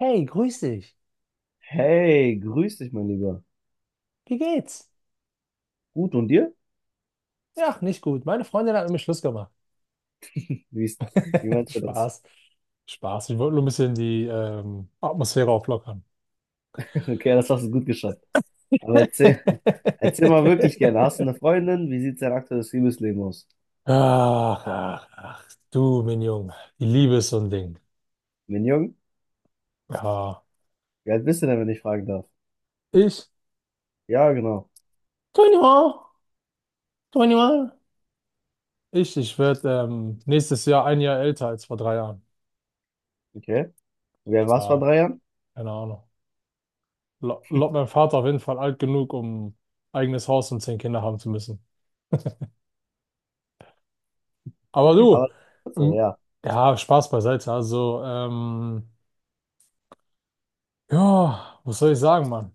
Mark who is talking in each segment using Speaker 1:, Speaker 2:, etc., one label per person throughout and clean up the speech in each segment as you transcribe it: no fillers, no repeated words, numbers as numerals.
Speaker 1: Hey, grüß dich.
Speaker 2: Hey, grüß dich, mein Lieber.
Speaker 1: Wie geht's?
Speaker 2: Gut, und dir?
Speaker 1: Ja, nicht gut. Meine Freundin hat mit mir Schluss gemacht.
Speaker 2: Wie, ist- wie meinst du das?
Speaker 1: Spaß. Spaß. Ich wollte nur ein bisschen die Atmosphäre auflockern.
Speaker 2: Okay, das hast du gut geschafft. Aber erzähl, erzähl mal wirklich gerne. Hast du eine Freundin? Wie sieht dein aktuelles Liebesleben aus?
Speaker 1: Ach, ach, ach. Du, mein Junge. Die Liebe ist so ein Ding.
Speaker 2: Bin jung?
Speaker 1: Ja.
Speaker 2: Wie alt bist du denn, wenn ich fragen darf?
Speaker 1: Ich?
Speaker 2: Ja, genau.
Speaker 1: 21. 21. Ich werde nächstes Jahr ein Jahr älter als vor drei Jahren.
Speaker 2: Okay. Wie alt warst du vor
Speaker 1: Ja,
Speaker 2: drei Jahren?
Speaker 1: keine Ahnung. Lot mein Vater auf jeden Fall alt genug, um eigenes Haus und zehn Kinder haben zu müssen. Aber du,
Speaker 2: Aber, also,
Speaker 1: ähm,
Speaker 2: ja.
Speaker 1: ja, Spaß beiseite. Also, ja, was soll ich sagen, Mann?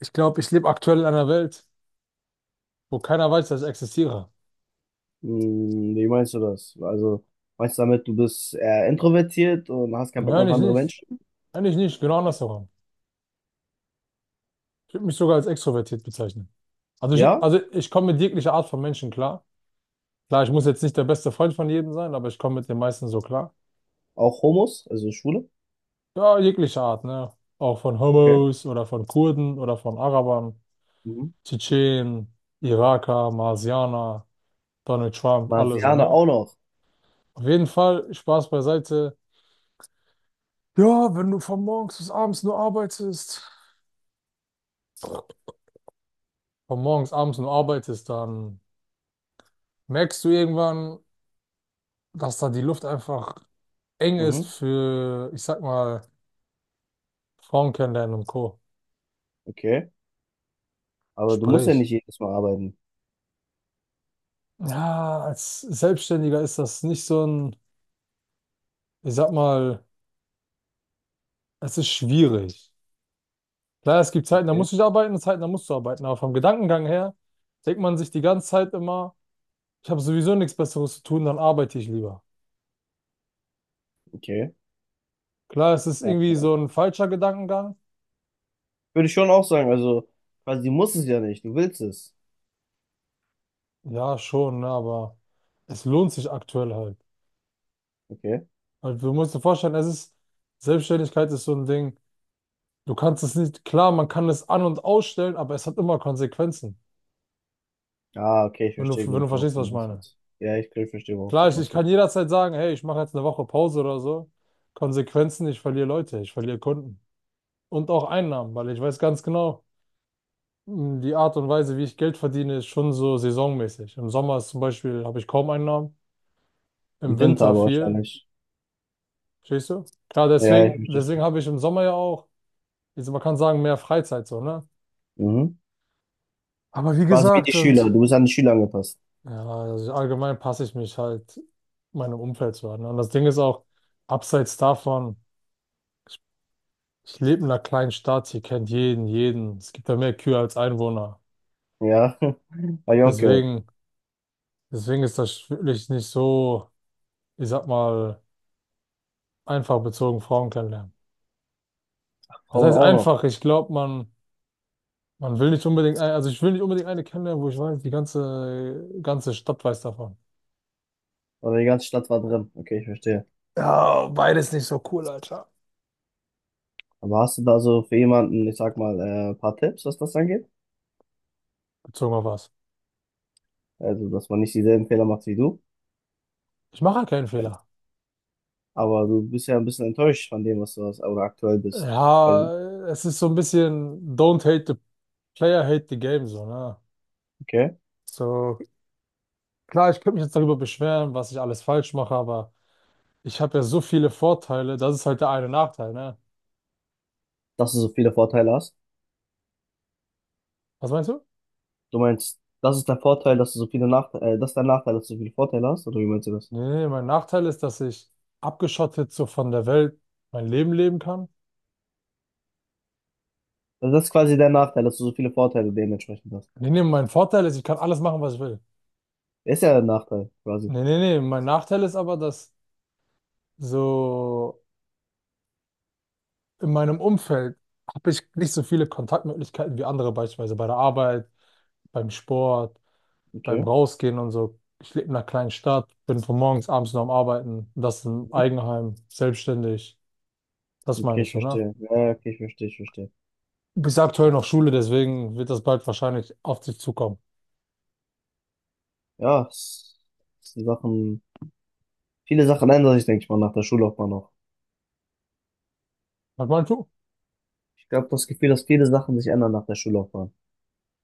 Speaker 1: Ich glaube, ich lebe aktuell in einer Welt, wo keiner weiß, dass ich existiere.
Speaker 2: Hm, wie meinst du das? Also, meinst du damit, du bist eher introvertiert und hast keinen Bock
Speaker 1: Nein,
Speaker 2: auf
Speaker 1: ich
Speaker 2: andere
Speaker 1: nicht.
Speaker 2: Menschen?
Speaker 1: Eigentlich nicht, genau
Speaker 2: Okay.
Speaker 1: andersherum. Ich würde mich sogar als extrovertiert bezeichnen. Also ich,
Speaker 2: Ja?
Speaker 1: also ich komme mit jeglicher Art von Menschen klar. Klar, ich muss jetzt nicht der beste Freund von jedem sein, aber ich komme mit den meisten so klar.
Speaker 2: Auch Homos, also Schwule?
Speaker 1: Ja, jeglicher Art, ne? Auch von
Speaker 2: Okay.
Speaker 1: Homos oder von Kurden oder von Arabern,
Speaker 2: Mhm.
Speaker 1: Tschetschenen, Iraker, Marsianer. Donald Trump, alle so,
Speaker 2: Marsianer
Speaker 1: ne?
Speaker 2: auch noch.
Speaker 1: Auf jeden Fall, Spaß beiseite. Ja, wenn du von morgens bis abends nur arbeitest, von morgens abends nur arbeitest, dann merkst du irgendwann, dass da die Luft einfach eng ist
Speaker 2: Mhm.
Speaker 1: für, ich sag mal, Frauen kennenlernen und Co.
Speaker 2: Okay. Aber du musst ja
Speaker 1: Sprich.
Speaker 2: nicht jedes Mal arbeiten.
Speaker 1: Ja, als Selbstständiger ist das nicht so ein, ich sag mal, es ist schwierig. Klar, es gibt Zeiten, da
Speaker 2: Okay,
Speaker 1: musst du nicht arbeiten, Zeiten, da musst du arbeiten, aber vom Gedankengang her denkt man sich die ganze Zeit immer, ich habe sowieso nichts Besseres zu tun, dann arbeite ich lieber.
Speaker 2: okay.
Speaker 1: Klar, es ist
Speaker 2: Ja.
Speaker 1: irgendwie so ein falscher Gedankengang.
Speaker 2: Würde ich schon auch sagen, also quasi du musst es ja nicht, du willst es.
Speaker 1: Ja, schon, ne, aber es lohnt sich aktuell halt.
Speaker 2: Okay.
Speaker 1: Halt, du musst dir vorstellen, es ist, Selbstständigkeit ist so ein Ding. Du kannst es nicht, klar, man kann es an- und ausstellen, aber es hat immer Konsequenzen.
Speaker 2: Ah, okay, ich
Speaker 1: Wenn du,
Speaker 2: verstehe,
Speaker 1: wenn
Speaker 2: glaube
Speaker 1: du
Speaker 2: ich, worauf
Speaker 1: verstehst,
Speaker 2: du
Speaker 1: was ich
Speaker 2: hinaus
Speaker 1: meine.
Speaker 2: willst. Ja, ich glaube, ich verstehe, worauf
Speaker 1: Klar,
Speaker 2: du
Speaker 1: ich
Speaker 2: hinaus
Speaker 1: kann
Speaker 2: willst.
Speaker 1: jederzeit sagen, hey, ich mache jetzt eine Woche Pause oder so. Konsequenzen, ich verliere Leute, ich verliere Kunden. Und auch Einnahmen, weil ich weiß ganz genau, die Art und Weise, wie ich Geld verdiene, ist schon so saisonmäßig. Im Sommer ist zum Beispiel habe ich kaum Einnahmen, im
Speaker 2: Im Winter
Speaker 1: Winter
Speaker 2: aber
Speaker 1: viel.
Speaker 2: wahrscheinlich.
Speaker 1: Verstehst du? Klar,
Speaker 2: Ja,
Speaker 1: deswegen,
Speaker 2: ja, ich verstehe
Speaker 1: deswegen
Speaker 2: schon.
Speaker 1: habe ich im Sommer ja auch, jetzt man kann sagen, mehr Freizeit so, ne?
Speaker 2: Mhm.
Speaker 1: Aber wie
Speaker 2: Quasi wie die
Speaker 1: gesagt,
Speaker 2: Schüler,
Speaker 1: und
Speaker 2: du bist an die Schüler angepasst.
Speaker 1: ja, also allgemein passe ich mich halt meinem Umfeld zu an, ne? Und das Ding ist auch, abseits davon, ich lebe in einer kleinen Stadt, hier kennt jeden, jeden. Es gibt da mehr Kühe als Einwohner.
Speaker 2: Ja, habe ich auch gehört.
Speaker 1: Deswegen, deswegen ist das wirklich nicht so, ich sag mal, einfach bezogen Frauen kennenlernen. Das
Speaker 2: Frauen
Speaker 1: heißt
Speaker 2: auch noch.
Speaker 1: einfach, ich glaube, man will nicht unbedingt, also ich will nicht unbedingt eine kennenlernen, wo ich weiß, die ganze, ganze Stadt weiß davon.
Speaker 2: Oder die ganze Stadt war drin. Okay, ich verstehe.
Speaker 1: Ja, beides nicht so cool, Alter.
Speaker 2: Aber hast du da so für jemanden, ich sag mal, ein paar Tipps, was das angeht?
Speaker 1: Bezogen auf was?
Speaker 2: Also, dass man nicht dieselben Fehler macht wie du?
Speaker 1: Ich mache halt keinen Fehler.
Speaker 2: Aber du bist ja ein bisschen enttäuscht von dem, was du hast, oder aktuell bist.
Speaker 1: Ja,
Speaker 2: Weil,
Speaker 1: es ist so ein bisschen don't hate the player, hate the game, so, ne?
Speaker 2: okay,
Speaker 1: So, klar, ich könnte mich jetzt darüber beschweren, was ich alles falsch mache, aber ich habe ja so viele Vorteile, das ist halt der eine Nachteil, ne?
Speaker 2: dass du so viele Vorteile hast.
Speaker 1: Was meinst du?
Speaker 2: Du meinst, das ist der Vorteil, dass du so viele Nachteile, das ist der Nachteil, dass du so viele Vorteile hast, oder wie meinst du das?
Speaker 1: Nee, nee, nee, mein Nachteil ist, dass ich abgeschottet so von der Welt mein Leben leben kann.
Speaker 2: Also das ist quasi der Nachteil, dass du so viele Vorteile dementsprechend hast.
Speaker 1: Nee, nee, mein Vorteil ist, ich kann alles machen, was ich will.
Speaker 2: Ist ja der Nachteil, quasi.
Speaker 1: Nee, nee, nee, mein Nachteil ist aber, dass so in meinem Umfeld habe ich nicht so viele Kontaktmöglichkeiten wie andere, beispielsweise bei der Arbeit, beim Sport, beim
Speaker 2: Okay.
Speaker 1: Rausgehen und so. Ich lebe in einer kleinen Stadt, bin von morgens abends noch am Arbeiten, das im Eigenheim, selbstständig. Das
Speaker 2: Okay,
Speaker 1: meine ich
Speaker 2: ich
Speaker 1: so, ne?
Speaker 2: verstehe. Ja, ja, okay, ich verstehe, ich verstehe.
Speaker 1: Bis aktuell noch Schule, deswegen wird das bald wahrscheinlich auf dich zukommen.
Speaker 2: Ja, es sind Sachen, viele Sachen ändern sich, denke ich mal, nach der Schullaufbahn noch.
Speaker 1: Was meinst du?
Speaker 2: Ich glaube, das Gefühl, dass viele Sachen sich ändern nach der Schullaufbahn.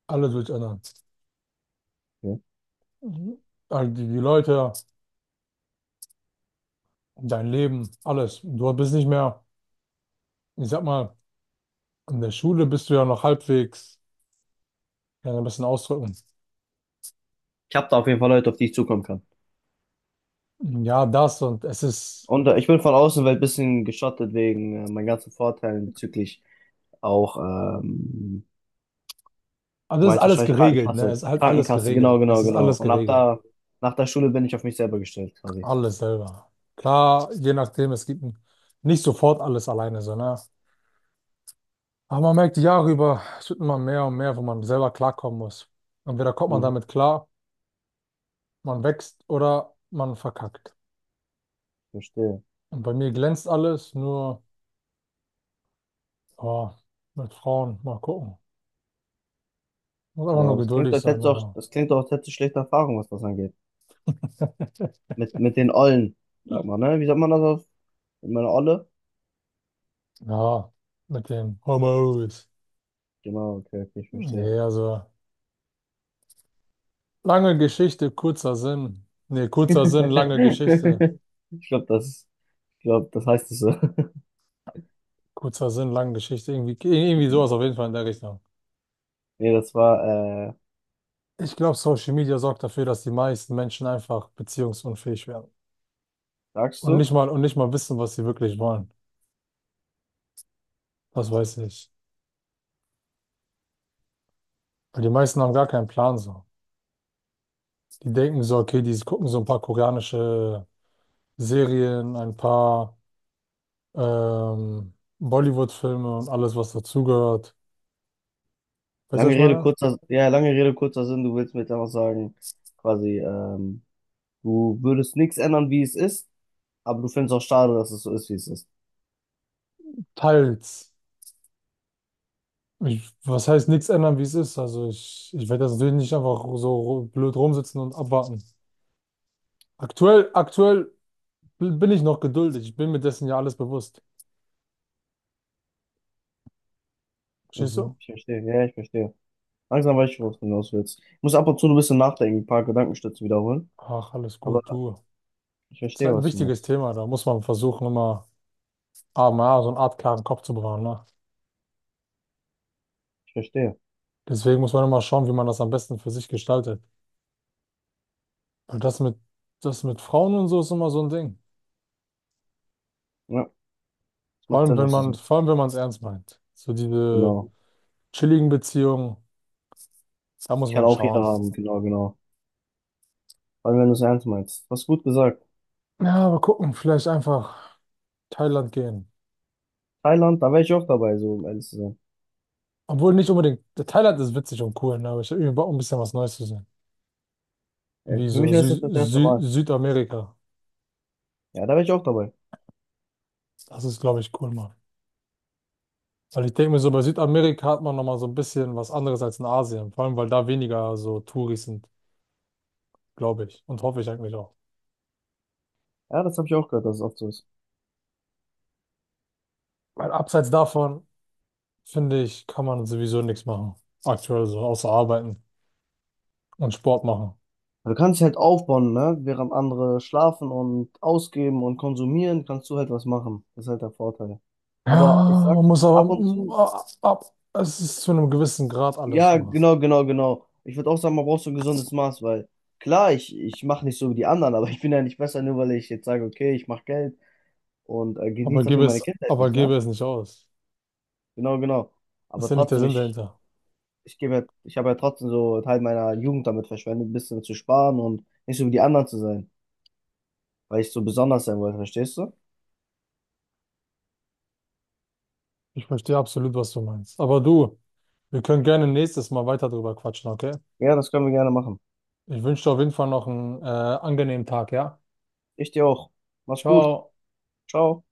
Speaker 1: Alles wird sich ändern.
Speaker 2: Ja.
Speaker 1: Mhm. Also die Leute, dein Leben, alles. Du bist nicht mehr. Ich sag mal, in der Schule bist du ja noch halbwegs, kann ich ein bisschen ausdrücken.
Speaker 2: Ich habe da auf jeden Fall Leute, auf die ich zukommen kann.
Speaker 1: Ja, das und es ist,
Speaker 2: Und ich bin von außen weil ein bisschen geschottet wegen meinen ganzen Vorteilen bezüglich auch,
Speaker 1: also
Speaker 2: du
Speaker 1: es ist
Speaker 2: meinst
Speaker 1: alles
Speaker 2: wahrscheinlich
Speaker 1: geregelt, ne? Es
Speaker 2: Krankenkasse.
Speaker 1: ist halt alles
Speaker 2: Krankenkasse, genau,
Speaker 1: geregelt. Es
Speaker 2: genau,
Speaker 1: ist
Speaker 2: genau.
Speaker 1: alles
Speaker 2: Und ab
Speaker 1: geregelt.
Speaker 2: da, nach der Schule bin ich auf mich selber gestellt, quasi.
Speaker 1: Alles selber. Klar, je nachdem, es gibt nicht sofort alles alleine, so, ne? Aber man merkt die Jahre über, es wird immer mehr und mehr, wo man selber klarkommen muss. Entweder kommt man
Speaker 2: Mhm,
Speaker 1: damit klar, man wächst oder man verkackt.
Speaker 2: verstehe.
Speaker 1: Und bei mir glänzt alles, nur, oh, mit Frauen, mal gucken. Muss einfach nur
Speaker 2: Aber das klingt,
Speaker 1: geduldig
Speaker 2: als
Speaker 1: sein,
Speaker 2: hättest du auch,
Speaker 1: aber.
Speaker 2: das klingt auch, als hättest du schlechte Erfahrungen, was das angeht. Mit den Ollen, sag mal, ne? Wie sagt man das auf? Mit meiner Olle?
Speaker 1: Ja, mit dem Homos.
Speaker 2: Genau, okay, okay, ich verstehe.
Speaker 1: Nee, also lange Geschichte, kurzer Sinn. Nee, kurzer Sinn, lange Geschichte.
Speaker 2: Ich glaube, das, ich glaub, das heißt es so.
Speaker 1: Kurzer Sinn, lange Geschichte. Irgendwie sowas auf jeden Fall in der Richtung.
Speaker 2: Nee, das war,
Speaker 1: Ich glaube, Social Media sorgt dafür, dass die meisten Menschen einfach beziehungsunfähig werden.
Speaker 2: sagst
Speaker 1: Und
Speaker 2: du?
Speaker 1: nicht mal, und nicht mal wissen, was sie wirklich wollen. Das weiß ich. Weil die meisten haben gar keinen Plan so. Die denken so, okay, die gucken so ein paar koreanische Serien, ein paar ähm, Bollywood-Filme und alles, was dazugehört. Weißt du, was
Speaker 2: Lange
Speaker 1: ich
Speaker 2: Rede,
Speaker 1: meine?
Speaker 2: kurzer, ja, lange Rede, kurzer Sinn, du willst mir jetzt einfach sagen, quasi, du würdest nichts ändern, wie es ist, aber du findest auch schade, dass es so ist, wie es ist.
Speaker 1: Teils. Ich, was heißt nichts ändern, wie es ist? Also ich werde das natürlich nicht einfach so blöd rumsitzen und abwarten. Aktuell bin ich noch geduldig. Ich bin mir dessen ja alles bewusst. Verstehst du?
Speaker 2: Mhm, ich verstehe, ja, ich verstehe. Langsam weiß ich, worauf du hinaus willst. Ich muss ab und zu ein bisschen nachdenken, ein paar Gedankenstütze wiederholen,
Speaker 1: Ach, alles
Speaker 2: aber
Speaker 1: gut, du.
Speaker 2: ich
Speaker 1: Ist
Speaker 2: verstehe,
Speaker 1: halt ein
Speaker 2: was du
Speaker 1: wichtiges
Speaker 2: meinst.
Speaker 1: Thema. Da muss man versuchen, immer so eine Art klaren Kopf zu bewahren, ne?
Speaker 2: Ich verstehe.
Speaker 1: Deswegen muss man immer schauen, wie man das am besten für sich gestaltet. Weil das mit Frauen und so ist immer so ein Ding.
Speaker 2: Ja, es
Speaker 1: Vor
Speaker 2: macht
Speaker 1: allem,
Speaker 2: Sinn,
Speaker 1: wenn
Speaker 2: was du
Speaker 1: man,
Speaker 2: sagst.
Speaker 1: vor allem, wenn man es ernst meint. So diese
Speaker 2: Genau.
Speaker 1: chilligen Beziehungen, da muss
Speaker 2: Ich kann
Speaker 1: man
Speaker 2: auch jeder
Speaker 1: schauen.
Speaker 2: haben, genau, genau. Vor allem, wenn du es ernst meinst. Was gut gesagt.
Speaker 1: Ja, mal gucken, vielleicht einfach Thailand gehen.
Speaker 2: Thailand, da wäre ich auch dabei, so um ehrlich zu sein.
Speaker 1: Obwohl nicht unbedingt, Thailand ist witzig und cool, ne? Aber ich habe irgendwie Bock, ein bisschen was Neues zu sehen. Wie
Speaker 2: Für mich
Speaker 1: so
Speaker 2: wäre
Speaker 1: Sü
Speaker 2: es das erste
Speaker 1: Sü
Speaker 2: Mal.
Speaker 1: Südamerika.
Speaker 2: Ja, da wäre ich auch dabei.
Speaker 1: Das ist, glaube ich, cool, mal. Weil ich denke mir so, bei Südamerika hat man nochmal so ein bisschen was anderes als in Asien. Vor allem, weil da weniger so Touris sind, glaube ich. Und hoffe ich eigentlich auch.
Speaker 2: Ja, das habe ich auch gehört, dass es oft so ist.
Speaker 1: Weil abseits davon, finde ich, kann man sowieso nichts machen. Aktuell so, außer arbeiten und Sport machen.
Speaker 2: Du kannst dich halt aufbauen, ne? Während andere schlafen und ausgeben und konsumieren, kannst du halt was machen. Das ist halt der Vorteil. Aber ich
Speaker 1: Ja,
Speaker 2: sag,
Speaker 1: man muss aber,
Speaker 2: ab und zu,
Speaker 1: ab, es ist zu einem gewissen Grad alles
Speaker 2: ja,
Speaker 1: so.
Speaker 2: genau, genau, genau. Ich würde auch sagen, man braucht so ein gesundes Maß, weil klar, ich mache nicht so wie die anderen, aber ich bin ja nicht besser, nur weil ich jetzt sage, okay, ich mache Geld und genieße dafür meine Kindheit
Speaker 1: Aber
Speaker 2: nicht,
Speaker 1: gebe
Speaker 2: ne?
Speaker 1: es nicht aus.
Speaker 2: Genau, genau.
Speaker 1: Das ist
Speaker 2: Aber
Speaker 1: ja nicht der
Speaker 2: trotzdem,
Speaker 1: Sinn
Speaker 2: ich,
Speaker 1: dahinter.
Speaker 2: ich gebe, ja- ich habe ja trotzdem so Teil meiner Jugend damit verschwendet, ein bisschen zu sparen und nicht so wie die anderen zu sein, weil ich so besonders sein wollte, verstehst du?
Speaker 1: Ich verstehe absolut, was du meinst. Aber du, wir können gerne nächstes Mal weiter drüber quatschen, okay?
Speaker 2: Ja, das können wir gerne machen.
Speaker 1: Ich wünsche dir auf jeden Fall noch einen angenehmen Tag, ja?
Speaker 2: Ich dir auch. Mach's gut.
Speaker 1: Ciao.
Speaker 2: Ciao.